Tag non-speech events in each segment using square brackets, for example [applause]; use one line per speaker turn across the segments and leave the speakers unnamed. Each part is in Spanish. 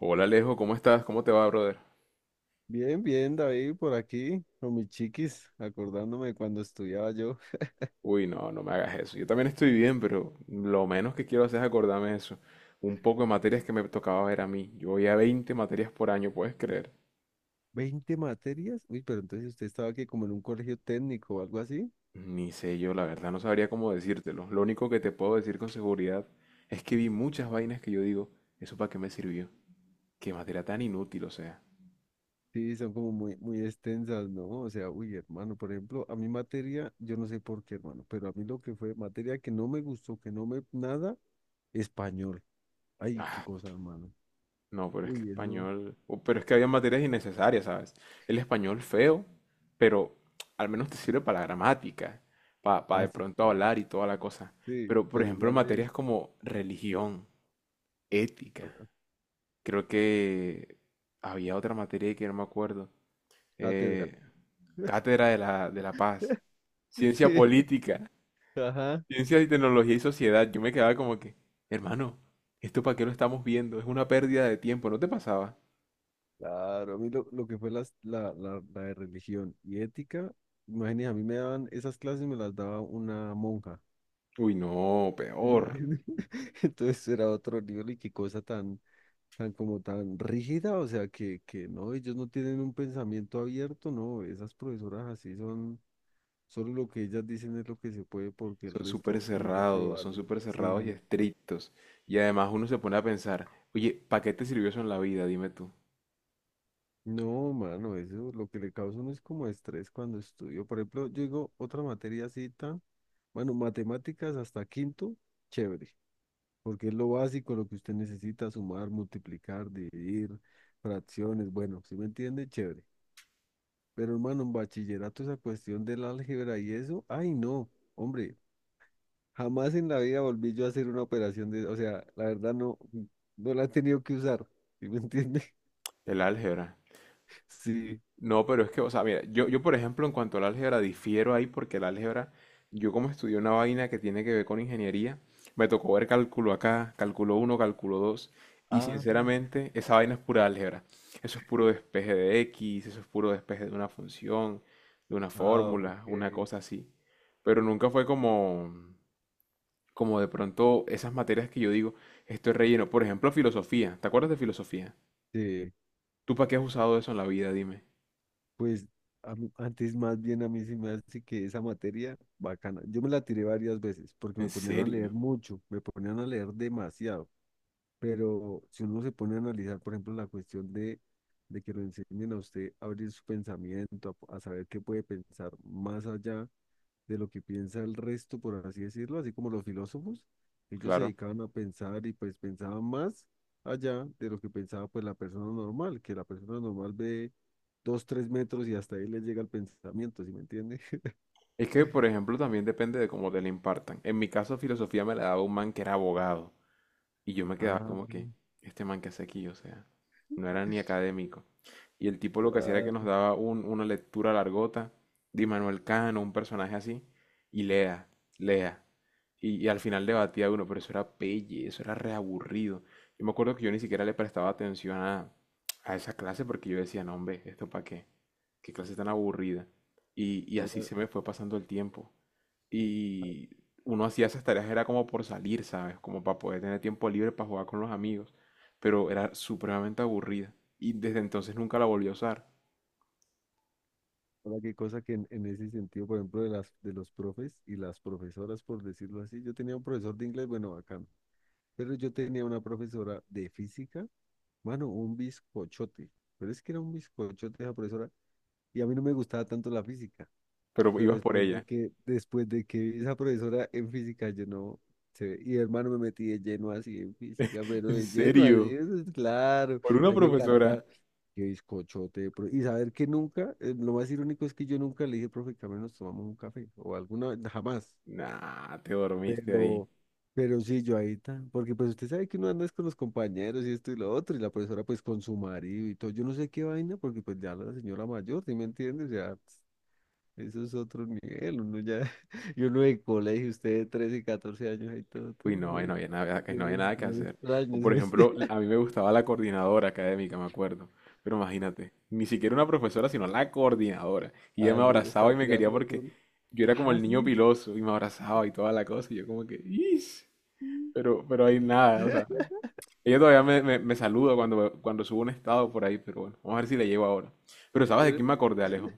Hola Alejo, ¿cómo estás? ¿Cómo te va, brother?
Bien, bien, David, por aquí, con mis chiquis, acordándome de cuando estudiaba yo. [laughs]
Uy, no, no me hagas eso. Yo también estoy bien, pero lo menos que quiero hacer es acordarme de eso. Un poco de materias que me tocaba ver a mí. Yo voy a 20 materias por año, ¿puedes creer?
¿20 materias? Uy, pero entonces usted estaba aquí como en un colegio técnico o algo así.
Ni sé yo, la verdad, no sabría cómo decírtelo. Lo único que te puedo decir con seguridad es que vi muchas vainas que yo digo, ¿eso para qué me sirvió? Qué materia tan inútil, o sea.
Sí, son como muy, muy extensas, ¿no? O sea, uy, hermano, por ejemplo, a mi materia, yo no sé por qué, hermano, pero a mí lo que fue materia que no me gustó, que no me, nada, español. Ay, qué cosa, hermano.
No, pero es que
Uy, eso,
español. Pero es que había materias innecesarias, ¿sabes? El español feo, pero al menos te sirve para la gramática, para
ah,
de
sí,
pronto
claro.
hablar y toda la cosa.
Sí,
Pero, por
pero
ejemplo,
igual es
materias como religión, ética.
ah,
Creo que había otra materia que no me acuerdo.
cátedra.
eh, Cátedra de la paz,
[laughs]
ciencia
Sí,
política,
ajá.
ciencias y tecnología y sociedad. Yo me quedaba como que, hermano, ¿esto para qué lo estamos viendo? Es una pérdida de tiempo, ¿no te pasaba?
Claro, a mí lo que fue la de religión y ética, imagínate, a mí me daban esas clases, y me las daba una monja.
Uy, no,
[laughs] ¿Sí me
peor.
entiendes? [laughs] Entonces era otro nivel y qué cosa tan, tan como tan rígida, o sea, que no, ellos no tienen un pensamiento abierto, no, esas profesoras así son, solo lo que ellas dicen es lo que se puede porque el resto no se
Son
vale.
súper cerrados y
Sí,
estrictos. Y además uno se pone a pensar, oye, ¿para qué te sirvió eso en la vida? Dime tú.
no, mano, eso lo que le causa a uno es como estrés cuando estudio. Por ejemplo, yo digo otra materia cita. Bueno, matemáticas hasta quinto, chévere, porque es lo básico, lo que usted necesita, sumar, multiplicar, dividir, fracciones, bueno, si me entiende, chévere. Pero hermano, en bachillerato esa cuestión del álgebra y eso, ay no, hombre, jamás en la vida volví yo a hacer una operación de, o sea, la verdad no, no la he tenido que usar, ¿sí me entiende? [laughs]
El álgebra.
Sí.
No, pero es que, o sea, mira, yo por ejemplo en cuanto al álgebra difiero ahí porque el álgebra, yo como estudié una vaina que tiene que ver con ingeniería, me tocó ver cálculo acá, cálculo uno, cálculo 2 y
Ah,
sinceramente esa vaina es pura álgebra. Eso es puro despeje de X, eso es puro despeje de una función, de una
ah,
fórmula,
ok.
una cosa así. Pero nunca fue como, como de pronto esas materias que yo digo, esto es relleno. Por ejemplo, filosofía, ¿te acuerdas de filosofía?
Sí,
¿Tú para qué has usado eso en la vida? Dime.
pues antes más bien a mí sí me hace que esa materia bacana. Yo me la tiré varias veces porque
¿En
me ponían a leer
serio?
mucho, me ponían a leer demasiado. Pero si uno se pone a analizar, por ejemplo, la cuestión de que lo enseñen a usted a abrir su pensamiento, a saber qué puede pensar más allá de lo que piensa el resto, por así decirlo, así como los filósofos, ellos se
Claro.
dedicaban a pensar y pues pensaban más allá de lo que pensaba pues la persona normal, que la persona normal ve 2, 3 metros y hasta ahí les llega el pensamiento, ¿sí me entiende? [laughs]
Es que, por ejemplo, también depende de cómo te la impartan. En mi caso, filosofía me la daba un man que era abogado. Y yo me quedaba
Ah,
como que, este man que hace aquí, o sea, no era ni académico. Y el tipo lo que hacía era
ah.
que nos daba una lectura largota de Manuel Cano, un personaje así, y lea, lea. Y al final debatía uno, pero eso era pelle, eso era reaburrido. Yo me acuerdo que yo ni siquiera le prestaba atención a esa clase porque yo decía, no, hombre, ¿esto para qué? ¿Qué clase tan aburrida? Y así
Ahora,
se me fue pasando el tiempo. Y uno hacía esas tareas era como por salir, ¿sabes? Como para poder tener tiempo libre para jugar con los amigos. Pero era supremamente aburrida. Y desde entonces nunca la volví a usar.
ahora qué cosa que en ese sentido, por ejemplo, de los profes y las profesoras, por decirlo así, yo tenía un profesor de inglés, bueno, bacán, pero yo tenía una profesora de física, mano, un bizcochote, pero es que era un bizcochote esa profesora, y a mí no me gustaba tanto la física.
Pero
Pero
ibas por
después
ella.
de que, después de que vi esa profesora en física, yo no sé, y hermano me metí de lleno así en física, pero
¿En
de lleno así,
serio?
eso es claro,
¿Por
a
una
mí me
profesora?
encanta qué bizcochote, y saber que nunca, lo más irónico es que yo nunca le dije, profe, que a nos tomamos un café, o alguna vez, jamás,
Nah, te dormiste ahí.
pero, pero sí, yo ahí tan, porque pues usted sabe que uno anda es con los compañeros y esto y lo otro, y la profesora pues con su marido y todo, yo no sé qué vaina, porque pues ya la señora mayor, ¿sí me entiendes? Ya eso es otro nivel, uno ya, [laughs] y uno de colegio, usted de 13 14 años ahí todo
Uy,
tan
no, ahí
bueno,
no había nada, ahí no había
es
nada que hacer. O
extraño, [laughs] ¿sí
por
me
ejemplo,
entiende?
a
[laughs]
mí me gustaba la coordinadora académica, me acuerdo. Pero imagínate, ni siquiera una profesora, sino la coordinadora. Y ella
Ah,
me
no, ya
abrazaba
estaba
y me quería
tirando
porque
duro.
yo era como
Ajá,
el niño
sí.
piloso y me abrazaba y toda la cosa. Y yo como que, "Ish". Pero ahí nada, o sea.
[laughs]
Ella todavía me saluda cuando subo un estado por ahí, pero bueno, vamos a ver si le llego ahora. Pero ¿sabes de quién me acordé, Alejo?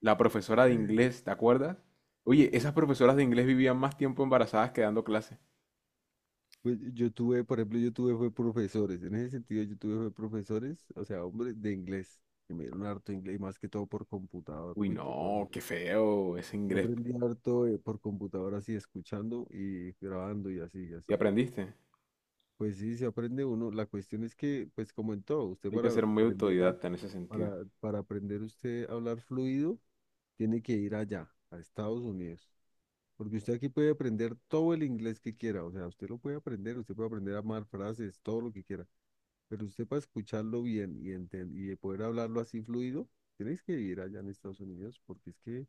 La profesora de inglés, ¿te acuerdas? Oye, esas profesoras de inglés vivían más tiempo embarazadas que dando clase.
Pues yo tuve, por ejemplo, yo tuve fue profesores, en ese sentido yo tuve fue profesores, o sea, hombres de inglés, que me dieron harto inglés, y más que todo por computador,
Uy,
uy, qué cosa.
no, qué feo ese
Yo
inglés.
aprendí harto por computador así, escuchando y grabando y así, y
¿Y
así.
aprendiste?
Pues sí, se aprende uno. La cuestión es que, pues como en todo, usted
Hay que ser muy
aprender a,
autodidacta en ese sentido.
para aprender usted a hablar fluido, tiene que ir allá, a Estados Unidos. Porque usted aquí puede aprender todo el inglés que quiera. O sea, usted lo puede aprender, usted puede aprender a armar frases, todo lo que quiera. Pero usted para escucharlo bien y poder hablarlo así fluido, tienes que ir allá en Estados Unidos, porque es que,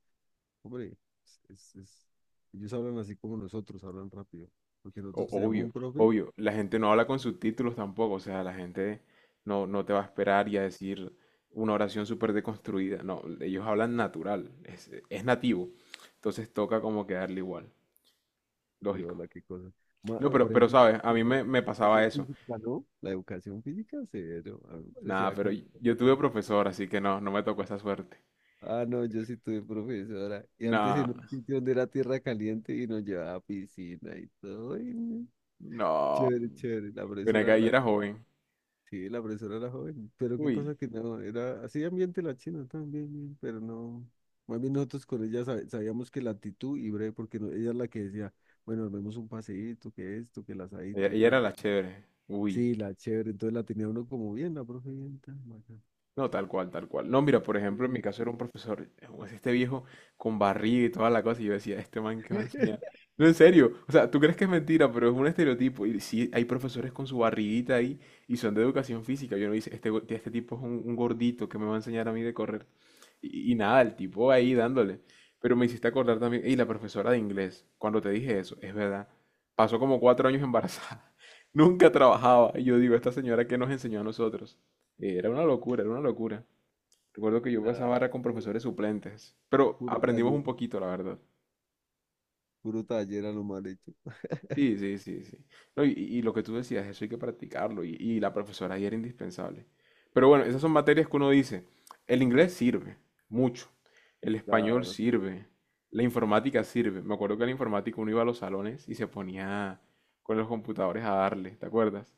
hombre, es, es- es- ellos hablan así como nosotros, hablan rápido. Porque nosotros teníamos
Obvio,
un profe.
obvio. La gente no habla con subtítulos tampoco. O sea, la gente no, no te va a esperar y a decir una oración súper deconstruida. No, ellos hablan natural. Es nativo. Entonces toca como que darle igual.
Sí,
Lógico.
hola, qué cosa. Ma-
No,
o por
pero
ejemplo,
sabes, a
la,
mí me
la
pasaba
educación
eso.
física, ¿no? La educación física, cero. A mí me parecía
Nada, pero
bacano.
yo tuve profesor, así que no, no me tocó esa suerte.
Ah, no, yo sí tuve profesora. Y antes en un
Nada,
sitio donde era tierra caliente y nos llevaba a piscina y todo. y, mm,
no.
chévere, chévere. La
Pero
profesora,
acá y
la,
era joven.
sí, la profesora era joven. Pero qué
Uy.
cosa que no, era así ambiente la china también, bien, pero no. Más bien nosotros con ella sabíamos que la actitud y breve, porque ella es la que decía, bueno, nos vemos un paseíto, que esto, que el
Ella,
asadito y
ella
tal.
era la chévere. Uy.
Sí, la chévere, entonces la tenía uno como bien, la profe bien tan bacán.
No, tal cual, tal cual. No, mira, por ejemplo, en mi
Sí.
caso era un profesor, es este viejo con barriga y toda la cosa, y yo decía, este man que va a enseñar.
[laughs]
No, en serio, o sea, tú crees que es mentira, pero es un estereotipo. Y sí, hay profesores con su barriguita ahí y son de educación física. Yo no dice, este, este tipo es un gordito que me va a enseñar a mí de correr. Y nada, el tipo ahí dándole. Pero me hiciste acordar también, y la profesora de inglés, cuando te dije eso, es verdad, pasó como 4 años embarazada. [laughs] Nunca trabajaba. Y yo digo, esta señora que nos enseñó a nosotros. Era una locura, era una locura. Recuerdo que yo pasaba
Claro,
barra con
pu-
profesores suplentes, pero
puro
aprendimos un
taller,
poquito, la verdad.
puro taller a lo mal hecho.
Sí, sí, sí, sí. No, y lo que tú decías, eso hay que practicarlo y la profesora ahí era indispensable. Pero bueno, esas son materias que uno dice, el inglés sirve mucho, el español
Claro.
sirve, la informática sirve. Me acuerdo que en la informática uno iba a los salones y se ponía con los computadores a darle, ¿te acuerdas?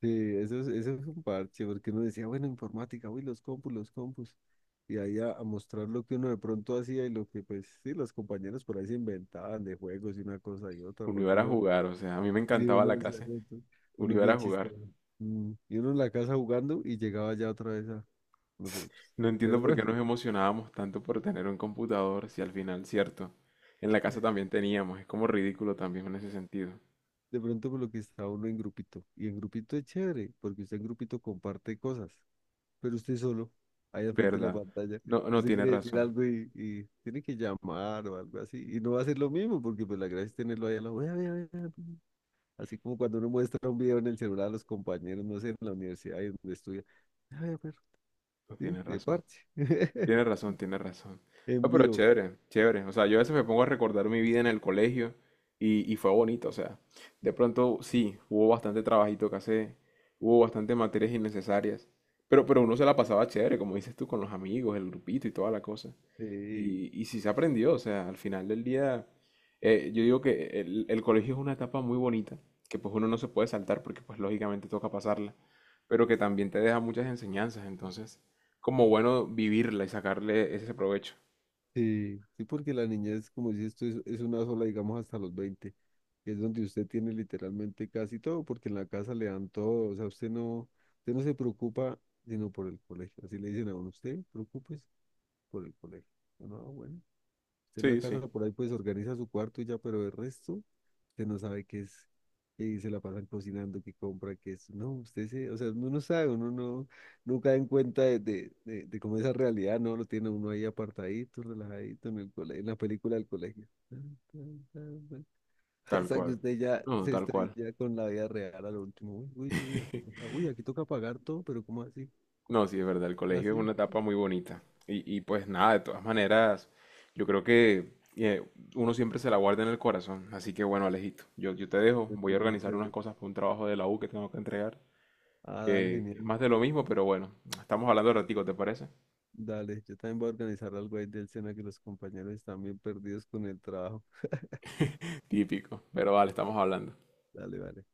Sí, eso es un parche, porque uno decía, bueno, informática, uy, los compus, los compus. Y ahí a mostrar lo que uno de pronto hacía y lo que, pues, sí, los compañeros por ahí se inventaban de juegos y una cosa y otra,
Uno iba
porque
era a
uno,
jugar, o sea, a mí me
sí,
encantaba
uno
la
decía:
clase,
"No,
uno
uno es
iba era
bien
a jugar.
chistoso. Y uno en la casa jugando y llegaba ya otra vez a. Uno, pero, pues,
No entiendo
pero
por qué
bueno.
nos emocionábamos tanto por tener un computador si al final, cierto, en la casa también teníamos. Es como ridículo también en ese sentido.
De pronto por lo que está uno en grupito. Y en grupito es chévere, porque usted en grupito comparte cosas. Pero usted solo, ahí al frente de la
¿Verdad?
pantalla,
No, no
usted
tiene
quiere decir
razón.
algo y tiene que llamar o algo así. Y no va a ser lo mismo, porque pues la gracia es tenerlo ahí a la vea, vea, vea, vea". Así como cuando uno muestra un video en el celular a los compañeros, no sé, en la universidad ahí donde estudia. "Ay, pero
No
sí,
tiene
de
razón.
parche. [laughs]
Tienes razón, tienes razón.
En
No, pero
vivo.
chévere, chévere. O sea, yo a veces me pongo a recordar mi vida en el colegio y fue bonito. O sea, de pronto sí, hubo bastante trabajito que hacer, hubo bastante materias innecesarias, pero uno se la pasaba chévere, como dices tú, con los amigos, el grupito y toda la cosa.
Eh,
Y sí se aprendió, o sea, al final del día, yo digo que el colegio es una etapa muy bonita, que pues uno no se puede saltar porque pues lógicamente toca pasarla, pero que también te deja muchas enseñanzas. Entonces... Como bueno vivirla y sacarle ese provecho.
sí, sí, porque la niñez, como dices tú, es una sola, digamos, hasta los 20 es donde usted tiene literalmente casi todo, porque en la casa le dan todo, o sea, usted no, se preocupa sino por el colegio, así le dicen a uno, usted preocúpese por el colegio. No, bueno, usted en la
Sí, sí,
casa por ahí pues organiza su cuarto y ya, pero el resto, usted no sabe qué es, y se la pasan cocinando, qué compra, qué es, no, usted se, o sea, uno no sabe, uno no, no cae en cuenta de cómo esa realidad, no, lo tiene uno ahí apartadito, relajadito en el colegio, en la película del colegio. Tan, tan, tan, tan. [laughs]
tal
Hasta que
cual.
usted ya
No,
se
tal cual.
estrella con la vida real al último. Uy, uy,
[laughs]
uy, aquí toca pagar todo, pero ¿cómo así?
No, sí, es verdad, el colegio es
Así.
una etapa muy bonita. Y pues nada, de todas maneras, yo creo que eh, uno siempre se la guarda en el corazón. Así que bueno, Alejito, yo te dejo, voy a
Cuentos bien
organizar unas
chéveres.
cosas para un trabajo de la U que tengo que entregar,
Ah, dale,
que es
genial.
más de lo mismo, pero bueno, estamos hablando de ratico, ¿te parece?
Dale, yo también voy a organizar algo ahí del Sena que los compañeros están bien perdidos con el trabajo.
[laughs] Típico, pero vale, estamos hablando.
Dale, vale.